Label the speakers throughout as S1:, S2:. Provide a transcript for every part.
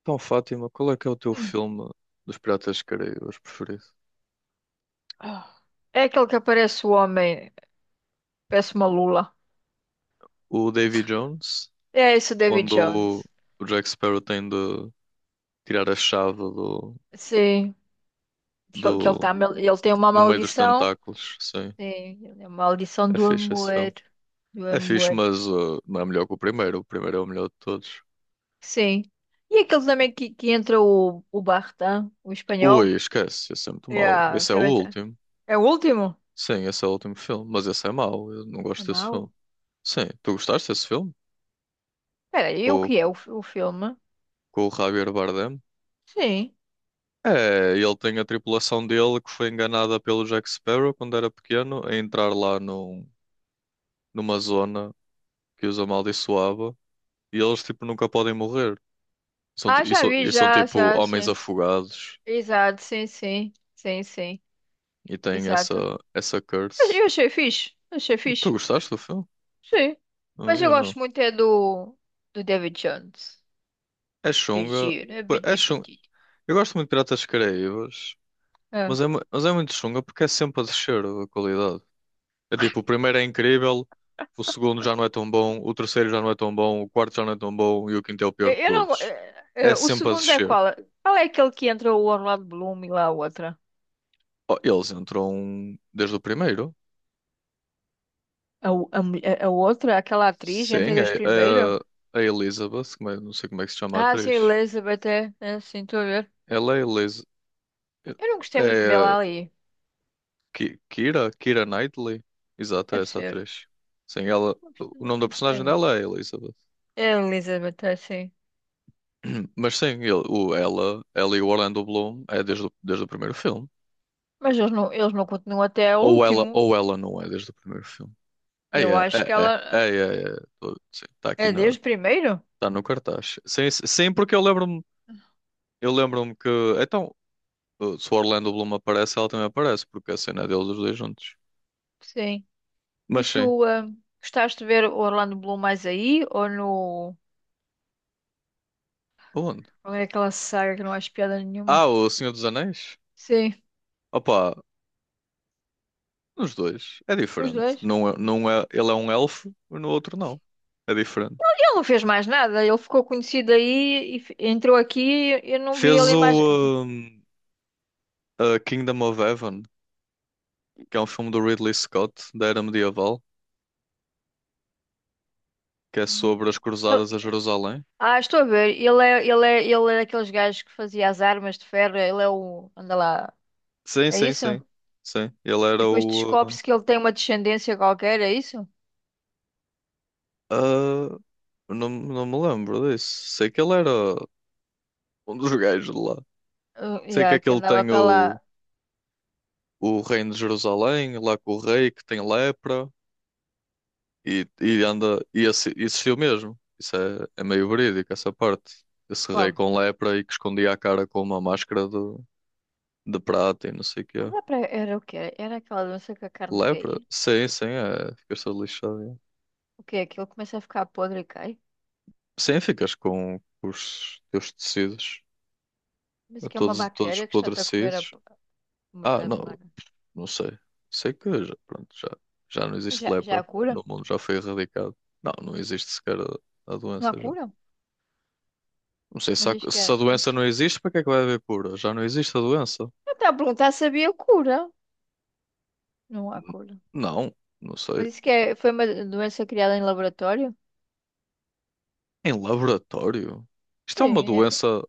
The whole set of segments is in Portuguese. S1: Então, Fátima, qual é que é o teu
S2: Hum.
S1: filme dos Piratas das Caraíbas preferido?
S2: Ah. É aquele que aparece o homem, parece uma lula.
S1: O Davy Jones,
S2: É esse o David
S1: onde
S2: Jones.
S1: o Jack Sparrow tem de tirar a chave
S2: Sim, que ele,
S1: do,
S2: ele tem uma
S1: no meio dos
S2: maldição.
S1: tentáculos. Sim,
S2: Sim, é uma maldição
S1: é
S2: do
S1: fixe esse
S2: amor.
S1: filme.
S2: Do
S1: É fixe,
S2: amor.
S1: mas não é melhor que o primeiro. O primeiro é o melhor de todos.
S2: Sim. E aquele também que entra o Bartan, o
S1: Ui,
S2: espanhol.
S1: esquece, esse é muito mau.
S2: É,
S1: Esse é o
S2: também tá.
S1: último.
S2: É o último?
S1: Sim, esse é o último filme, mas esse é mau. Eu não
S2: É
S1: gosto desse filme.
S2: mau?
S1: Sim, tu gostaste desse filme?
S2: Peraí, o
S1: Com,
S2: que é o filme?
S1: com o Javier Bardem?
S2: Sim.
S1: É, ele tem a tripulação dele que foi enganada pelo Jack Sparrow quando era pequeno a entrar lá numa zona que os amaldiçoava e eles tipo nunca podem morrer. São, ti-
S2: Ah, já vi,
S1: e são tipo homens
S2: sim.
S1: afogados
S2: Exato, sim, sim. Sim, sim.
S1: e têm
S2: Exato.
S1: essa
S2: Mas
S1: curse.
S2: eu achei fixe. Achei
S1: Tu
S2: fixe.
S1: gostaste do filme?
S2: Sim.
S1: Ah,
S2: Mas eu
S1: eu não.
S2: gosto muito é do David Jones.
S1: É
S2: Do
S1: chunga.
S2: Giro. É.
S1: Pô, é
S2: Bidi,
S1: chunga.
S2: bidi.
S1: Eu gosto muito de Piratas Caraíbas,
S2: É.
S1: mas mas é muito chunga porque é sempre a descer a qualidade. É tipo, o primeiro é incrível, o segundo já não é tão bom, o terceiro já não é tão bom, o quarto já não é tão bom e o quinto é o pior
S2: Eu
S1: de
S2: eu não.
S1: todos. É
S2: O
S1: sempre a
S2: segundo é
S1: descer.
S2: qual? Qual é aquele que entra o Orlando Bloom e lá a outra?
S1: Oh, eles entram desde o primeiro.
S2: A, o- a, mu- a outra, aquela atriz, entre
S1: Sim,
S2: dois primeiro?
S1: é a Elizabeth, não sei como é que se chama a
S2: Ah, sim,
S1: atriz.
S2: Elizabeth, é. É, sim, estou a ver.
S1: Ela é Eliz...
S2: Eu não gostei muito
S1: É
S2: dela ali.
S1: Kira Knightley. Exato,
S2: É
S1: é essa
S2: possível.
S1: atriz. Sim, ela.
S2: Não gostei
S1: O nome
S2: não
S1: da
S2: gostei
S1: personagem
S2: muito.
S1: dela é Elizabeth.
S2: É Elizabeth, é, sim.
S1: Mas sim, ela e o Orlando Bloom é desde o primeiro filme.
S2: Mas eles não continuam até ao
S1: Ou
S2: último.
S1: ela não é desde o primeiro filme. É, é,
S2: Eu acho que
S1: é, é,
S2: ela.
S1: é, sim, tá
S2: É
S1: aqui na,
S2: desde primeiro?
S1: tá no cartaz. Sim, porque eu lembro-me que então se o Orlando Bloom aparece, ela também aparece, porque a cena é deles os dois juntos.
S2: Sim. E
S1: Mas sim,
S2: tu, gostaste de ver o Orlando Bloom mais aí ou no.
S1: onde?
S2: Ou é aquela saga que não acho piada
S1: Ah,
S2: nenhuma?
S1: o Senhor dos Anéis?
S2: Sim,
S1: Opa, nos dois é
S2: os
S1: diferente.
S2: dois.
S1: Não é, ele é um elfo, mas no outro não. É diferente.
S2: Ele não fez mais nada, ele ficou conhecido aí e entrou aqui e eu não vi
S1: Fez
S2: ele mais.
S1: o um, a Kingdom of Heaven, que é um filme do Ridley Scott da era medieval, que é sobre as cruzadas a Jerusalém.
S2: Ah, estou a ver, ele é daqueles gajos que fazia as armas de ferro, ele é o. Anda lá,
S1: Sim,
S2: é
S1: sim,
S2: isso?
S1: sim. Sim, ele
S2: E
S1: era
S2: depois
S1: o.
S2: descobre-se que ele tem uma descendência qualquer, é isso?
S1: ah, ah, não, não me lembro disso. Sei que ele era um dos gajos de lá.
S2: Ah,
S1: Sei que
S2: yeah, que
S1: aquele
S2: andava
S1: tem
S2: para lá.
S1: o reino de Jerusalém, lá com o rei que tem lepra e anda. E esse, existiu mesmo. É meio verídico, essa parte. Esse rei
S2: Qual?
S1: com lepra e que escondia a cara com uma máscara de prata e não sei o que é.
S2: Ah, era o quê? Era aquela doença que a carne
S1: Lepra?
S2: caía?
S1: Sim, sim, é. Fica-se lixado, é.
S2: O quê? Aquilo começa a ficar podre e cai?
S1: Sim, ficas com os teus tecidos
S2: Mas que é uma
S1: todos
S2: bactéria que está a comer
S1: apodrecidos.
S2: uma
S1: Ah,
S2: pena.
S1: não, não sei. Sei que já não
S2: Mas
S1: existe
S2: já há
S1: lepra no
S2: cura?
S1: mundo, já foi erradicado. Não, não existe sequer a
S2: Não há
S1: doença já.
S2: cura?
S1: Não sei se,
S2: Mas
S1: há-
S2: isto que
S1: se a
S2: é
S1: doença
S2: isso.
S1: não existe, para que é que vai haver cura? Já não existe a doença?
S2: Eu estava a perguntar se havia cura. Não há cura.
S1: Não, não sei.
S2: Mas isso que é, foi uma doença criada em laboratório?
S1: Em laboratório? Isto é uma
S2: Sim, é
S1: doença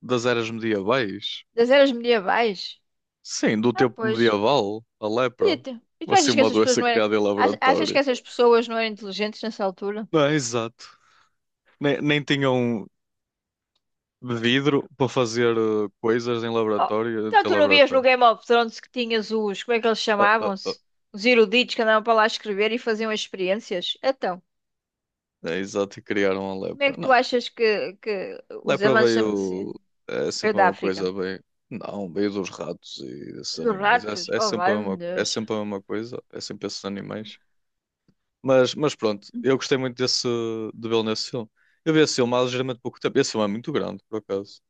S1: das eras medievais?
S2: das eras medievais.
S1: Sim, do
S2: Ah,
S1: tempo
S2: pois.
S1: medieval, a
S2: Podia
S1: lepra.
S2: ter. E tu
S1: Vai ser
S2: achas que
S1: uma
S2: essas pessoas
S1: doença
S2: não eram.
S1: criada em
S2: Achas que
S1: laboratório.
S2: essas pessoas não eram inteligentes nessa altura?
S1: Não, exato. Nem tinham vidro para fazer coisas em
S2: Oh,
S1: laboratório, em
S2: então
S1: teu
S2: tu não vias no
S1: laboratório.
S2: Game of Thrones que tinhas os, como é que eles
S1: Ah, ah, ah.
S2: chamavam-se? Os eruditos que andavam para lá escrever e faziam as experiências? Então,
S1: É, exato, e criaram a
S2: como é
S1: lepra.
S2: que
S1: Não,
S2: tu achas que os
S1: lepra
S2: avanços da medicina
S1: veio. É
S2: é
S1: sempre a
S2: da
S1: mesma
S2: África?
S1: coisa, veio. Não, veio dos ratos e desses
S2: Dos
S1: animais.
S2: ratos? Oh, meu
S1: É
S2: Deus.
S1: sempre a mesma coisa, é sempre esses animais. Mas pronto, eu gostei muito desse, de vê-lo nesse filme. Eu vi esse filme há ligeiramente pouco tempo. Esse filme é muito grande, por acaso.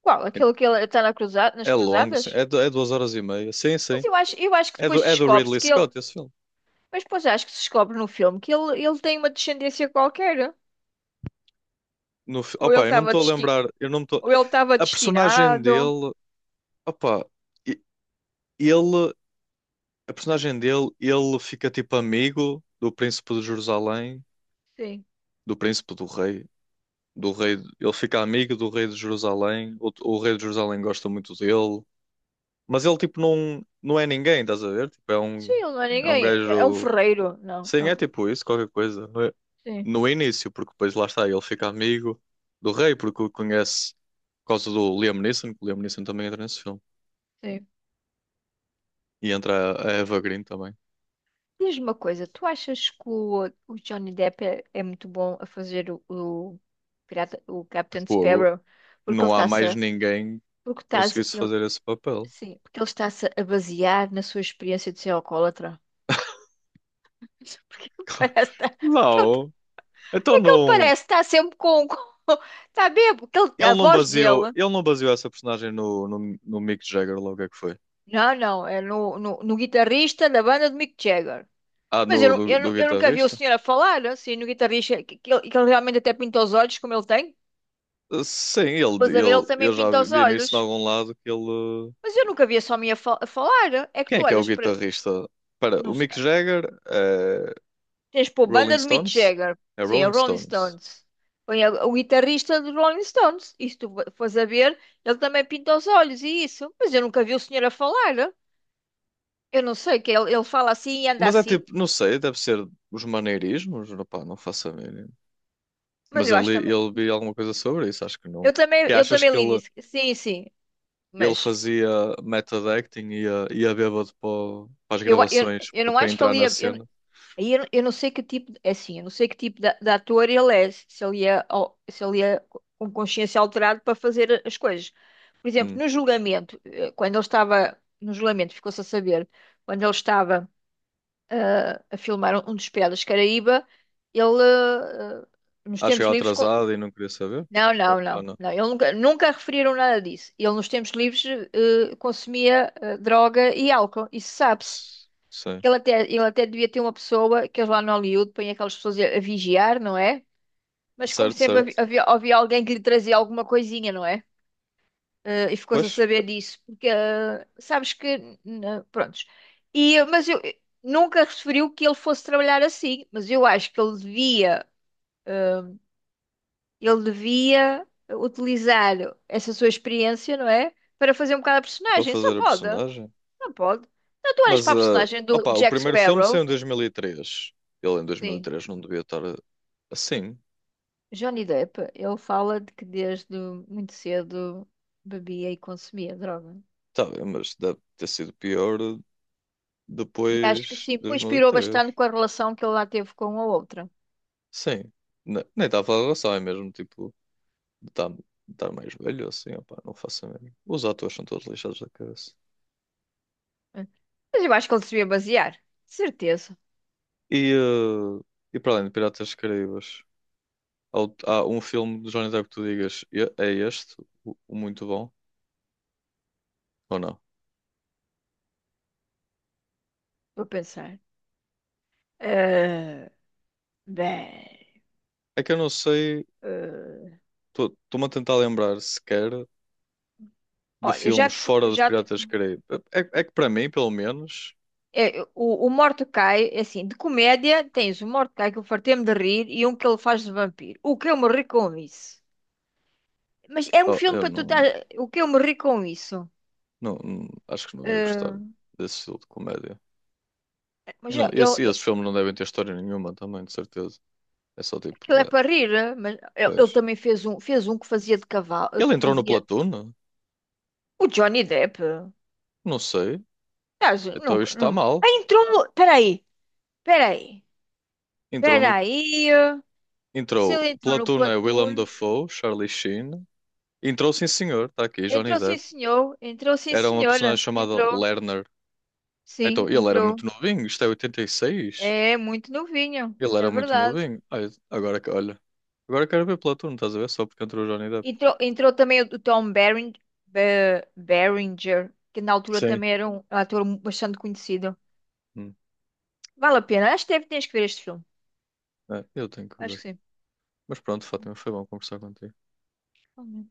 S2: Qual? Aquele que ele está na nas
S1: É longo, sim.
S2: cruzadas?
S1: É duas horas e meia. Sim,
S2: Mas
S1: sim.
S2: eu acho que depois
S1: É do
S2: descobre-se
S1: Ridley
S2: que ele.
S1: Scott, esse filme.
S2: Mas depois acho que se descobre no filme que ele tem uma descendência qualquer. Ou ele
S1: Opa, eu não me
S2: estava
S1: estou a
S2: desti...
S1: lembrar. Eu não me estou.
S2: Ou ele estava
S1: A personagem
S2: destinado.
S1: dele. Opa, e- ele. A personagem dele, ele fica tipo amigo do príncipe de Jerusalém,
S2: Sim.
S1: do príncipe do rei. Do rei, ele fica amigo do rei de Jerusalém. O rei de Jerusalém gosta muito dele. Mas ele tipo não, não é ninguém, estás a ver? Tipo,
S2: Sim, ele não é
S1: é um
S2: ninguém. É um
S1: gajo.
S2: ferreiro. Não.
S1: Sim, é tipo isso, qualquer coisa, não é?
S2: Sim,
S1: No início, porque depois lá está, ele fica amigo do rei, porque o conhece por causa do Liam Neeson, que o Liam Neeson também entra nesse filme.
S2: sim.
S1: E entra a Eva Green também.
S2: Diz-me uma coisa, tu achas que o Johnny Depp é muito bom a fazer pirata, o Captain
S1: Fogo.
S2: Sparrow? Porque ele
S1: Não há
S2: está-se
S1: mais
S2: a,
S1: ninguém que
S2: porque está-se,
S1: conseguisse
S2: ele,
S1: fazer esse papel.
S2: sim, porque ele está-se a basear na sua experiência de ser alcoólatra. Porque ele parece, porque ele, tá-
S1: Não. Então
S2: é que ele
S1: não.
S2: parece, está sempre com, com está bêbado, a voz dele,
S1: Ele não baseou essa personagem no Mick Jagger, logo é que foi.
S2: não, não, é no guitarrista da banda de Mick Jagger.
S1: Ah,
S2: Mas eu,
S1: no do
S2: eu nunca vi o
S1: guitarrista?
S2: senhor a falar, assim, no guitarrista, que ele realmente até pinta os olhos, como ele tem.
S1: Sim,
S2: Pois a ver, ele
S1: eu
S2: também
S1: já
S2: pinta os
S1: vi nisso
S2: olhos.
S1: em algum lado que ele. Uh,
S2: Mas eu nunca vi esse homem a falar. É que
S1: quem
S2: tu
S1: é que é o
S2: olhas para.
S1: guitarrista? Espera, o
S2: Não
S1: Mick
S2: sei.
S1: Jagger é
S2: Tens pô, banda
S1: Rolling
S2: de Mick
S1: Stones?
S2: Jagger.
S1: É
S2: Sim, a
S1: Rolling
S2: Rolling
S1: Stones.
S2: Stones. Põe o guitarrista dos Rolling Stones. E se tu fores a ver, ele também pinta os olhos e isso. Mas eu nunca vi o senhor a falar. Eu não sei, que ele fala assim e anda
S1: Mas é
S2: assim.
S1: tipo, não sei, deve ser os maneirismos, rapá, não faço a mínima.
S2: Mas
S1: Mas
S2: eu
S1: eu
S2: acho
S1: li,
S2: também.
S1: eu vi alguma coisa sobre isso, acho que
S2: Eu
S1: não.
S2: também,
S1: Que
S2: eu
S1: achas
S2: também
S1: que
S2: li
S1: ele,
S2: isso. Sim, sim.
S1: ele
S2: Mas.
S1: fazia method acting e ia bêbado para as
S2: Eu, eu,
S1: gravações
S2: eu não
S1: para
S2: acho que
S1: entrar
S2: ele
S1: na
S2: ia.
S1: cena?
S2: Aí eu não sei que tipo, é assim, eu não sei que tipo de ator ele é, se ele é com consciência alterada para fazer as coisas. Por exemplo,
S1: Hum.
S2: no julgamento, quando ele estava, no julgamento, ficou-se a saber, quando ele estava a filmar um dos Piratas Caraíba, ele, nos
S1: Acho que
S2: tempos
S1: era
S2: livres,
S1: atrasado e não queria saber?
S2: não, não,
S1: Ah,
S2: não,
S1: não.
S2: não, ele nunca referiram nada disso. Ele nos tempos livres consumia droga e álcool, isso sabe-se.
S1: S- sim.
S2: Ele até devia ter uma pessoa, que eles lá no Hollywood põem aquelas pessoas a vigiar, não é? Mas como
S1: Certo,
S2: sempre havi-
S1: certo.
S2: havia, havia alguém que lhe trazia alguma coisinha, não é? E ficou-se
S1: Pois,
S2: a saber disso, porque sabes que, prontos. E, mas eu nunca referiu que ele fosse trabalhar assim, mas eu acho que ele devia, utilizar essa sua experiência, não é? Para fazer um bocado a
S1: para
S2: personagem, só
S1: fazer a personagem.
S2: pode. Não, tu olhas
S1: Mas,
S2: para a
S1: ah,
S2: personagem do
S1: opá, o
S2: Jack
S1: primeiro filme saiu
S2: Sparrow,
S1: em 2003. Ele em
S2: sim.
S1: 2003 não devia estar eh, assim.
S2: Johnny Depp, ele fala de que desde muito cedo bebia e consumia droga.
S1: Tá bem, mas deve ter sido pior
S2: E
S1: depois
S2: acho que
S1: de
S2: sim,
S1: dois
S2: pois
S1: mil e
S2: pirou bastante
S1: três
S2: com a relação que ele lá teve com a outra.
S1: Sim. Ne- nem estava a falar da relação, é mesmo tipo de estar estar mais velho assim, opá, não faço a mesmo. Os atores são todos lixados da cabeça.
S2: Mas eu acho que ele se devia basear. Certeza.
S1: E, eh, e para além de Piratas dos Caraíbas, há, o- há um filme de Johnny Depp que tu digas, "E- é este, o muito bom", ou não?
S2: Vou pensar. Eh, Bem.
S1: É que eu não sei,
S2: eh,
S1: estou-me a tentar lembrar sequer de
S2: Olha, eu
S1: filmes fora dos
S2: já te-
S1: Piratas dos Caraíbas. É, é que para mim, pelo menos,
S2: é, o Mordecai, é assim, de comédia tens o Mordecai que eu fartei-me de rir e um que ele faz de vampiro. O que eu morri com isso? Mas é um
S1: oh,
S2: filme
S1: eu
S2: para tu estar.
S1: não.
S2: O que eu morri com isso?
S1: Acho que não ia gostar
S2: Eh,
S1: desse estilo de comédia. E
S2: mas
S1: não,
S2: eu, eu,
S1: esse- esses filmes não devem ter história nenhuma também, de certeza. É só tipo,
S2: Ele é
S1: ué,
S2: para rir, eh? Mas ele
S1: pois.
S2: também fez um, que fazia de cavalo,
S1: Ele
S2: que
S1: entrou no
S2: fazia
S1: Platoon?
S2: o Johnny Depp.
S1: Não sei.
S2: Aliás,
S1: Então
S2: nunca,
S1: isto está
S2: não. Ah,
S1: mal.
S2: entrou no. Peraí, peraí,
S1: Entrou no.
S2: peraí. Eh. Se
S1: Entrou.
S2: ele entrou no
S1: Platoon é Willem
S2: Platoon,
S1: Dafoe, Charlie Sheen. Entrou, sim senhor, está aqui, Johnny
S2: entrou sim,
S1: Depp.
S2: senhor, entrou sim,
S1: Era uma
S2: senhora,
S1: personagem chamada
S2: entrou,
S1: Lerner. Então
S2: sim,
S1: ele era
S2: entrou.
S1: muito novinho, isto é 86.
S2: É muito novinho,
S1: Ele era
S2: é
S1: muito
S2: verdade.
S1: novinho. Ai, agora que, olha. Agora quero ver Platoon, estás a ver? Só porque entrou o Johnny Depp.
S2: Entrou também o Tom Berenger, Berenger, que na altura
S1: Sim.
S2: também era um ator bastante conhecido.
S1: Hum,
S2: Vale a pena, acho que deve, tens que ver este filme.
S1: é, eu tenho que
S2: Acho
S1: ver.
S2: que
S1: Mas pronto, Fátima, foi bom conversar contigo.
S2: sim.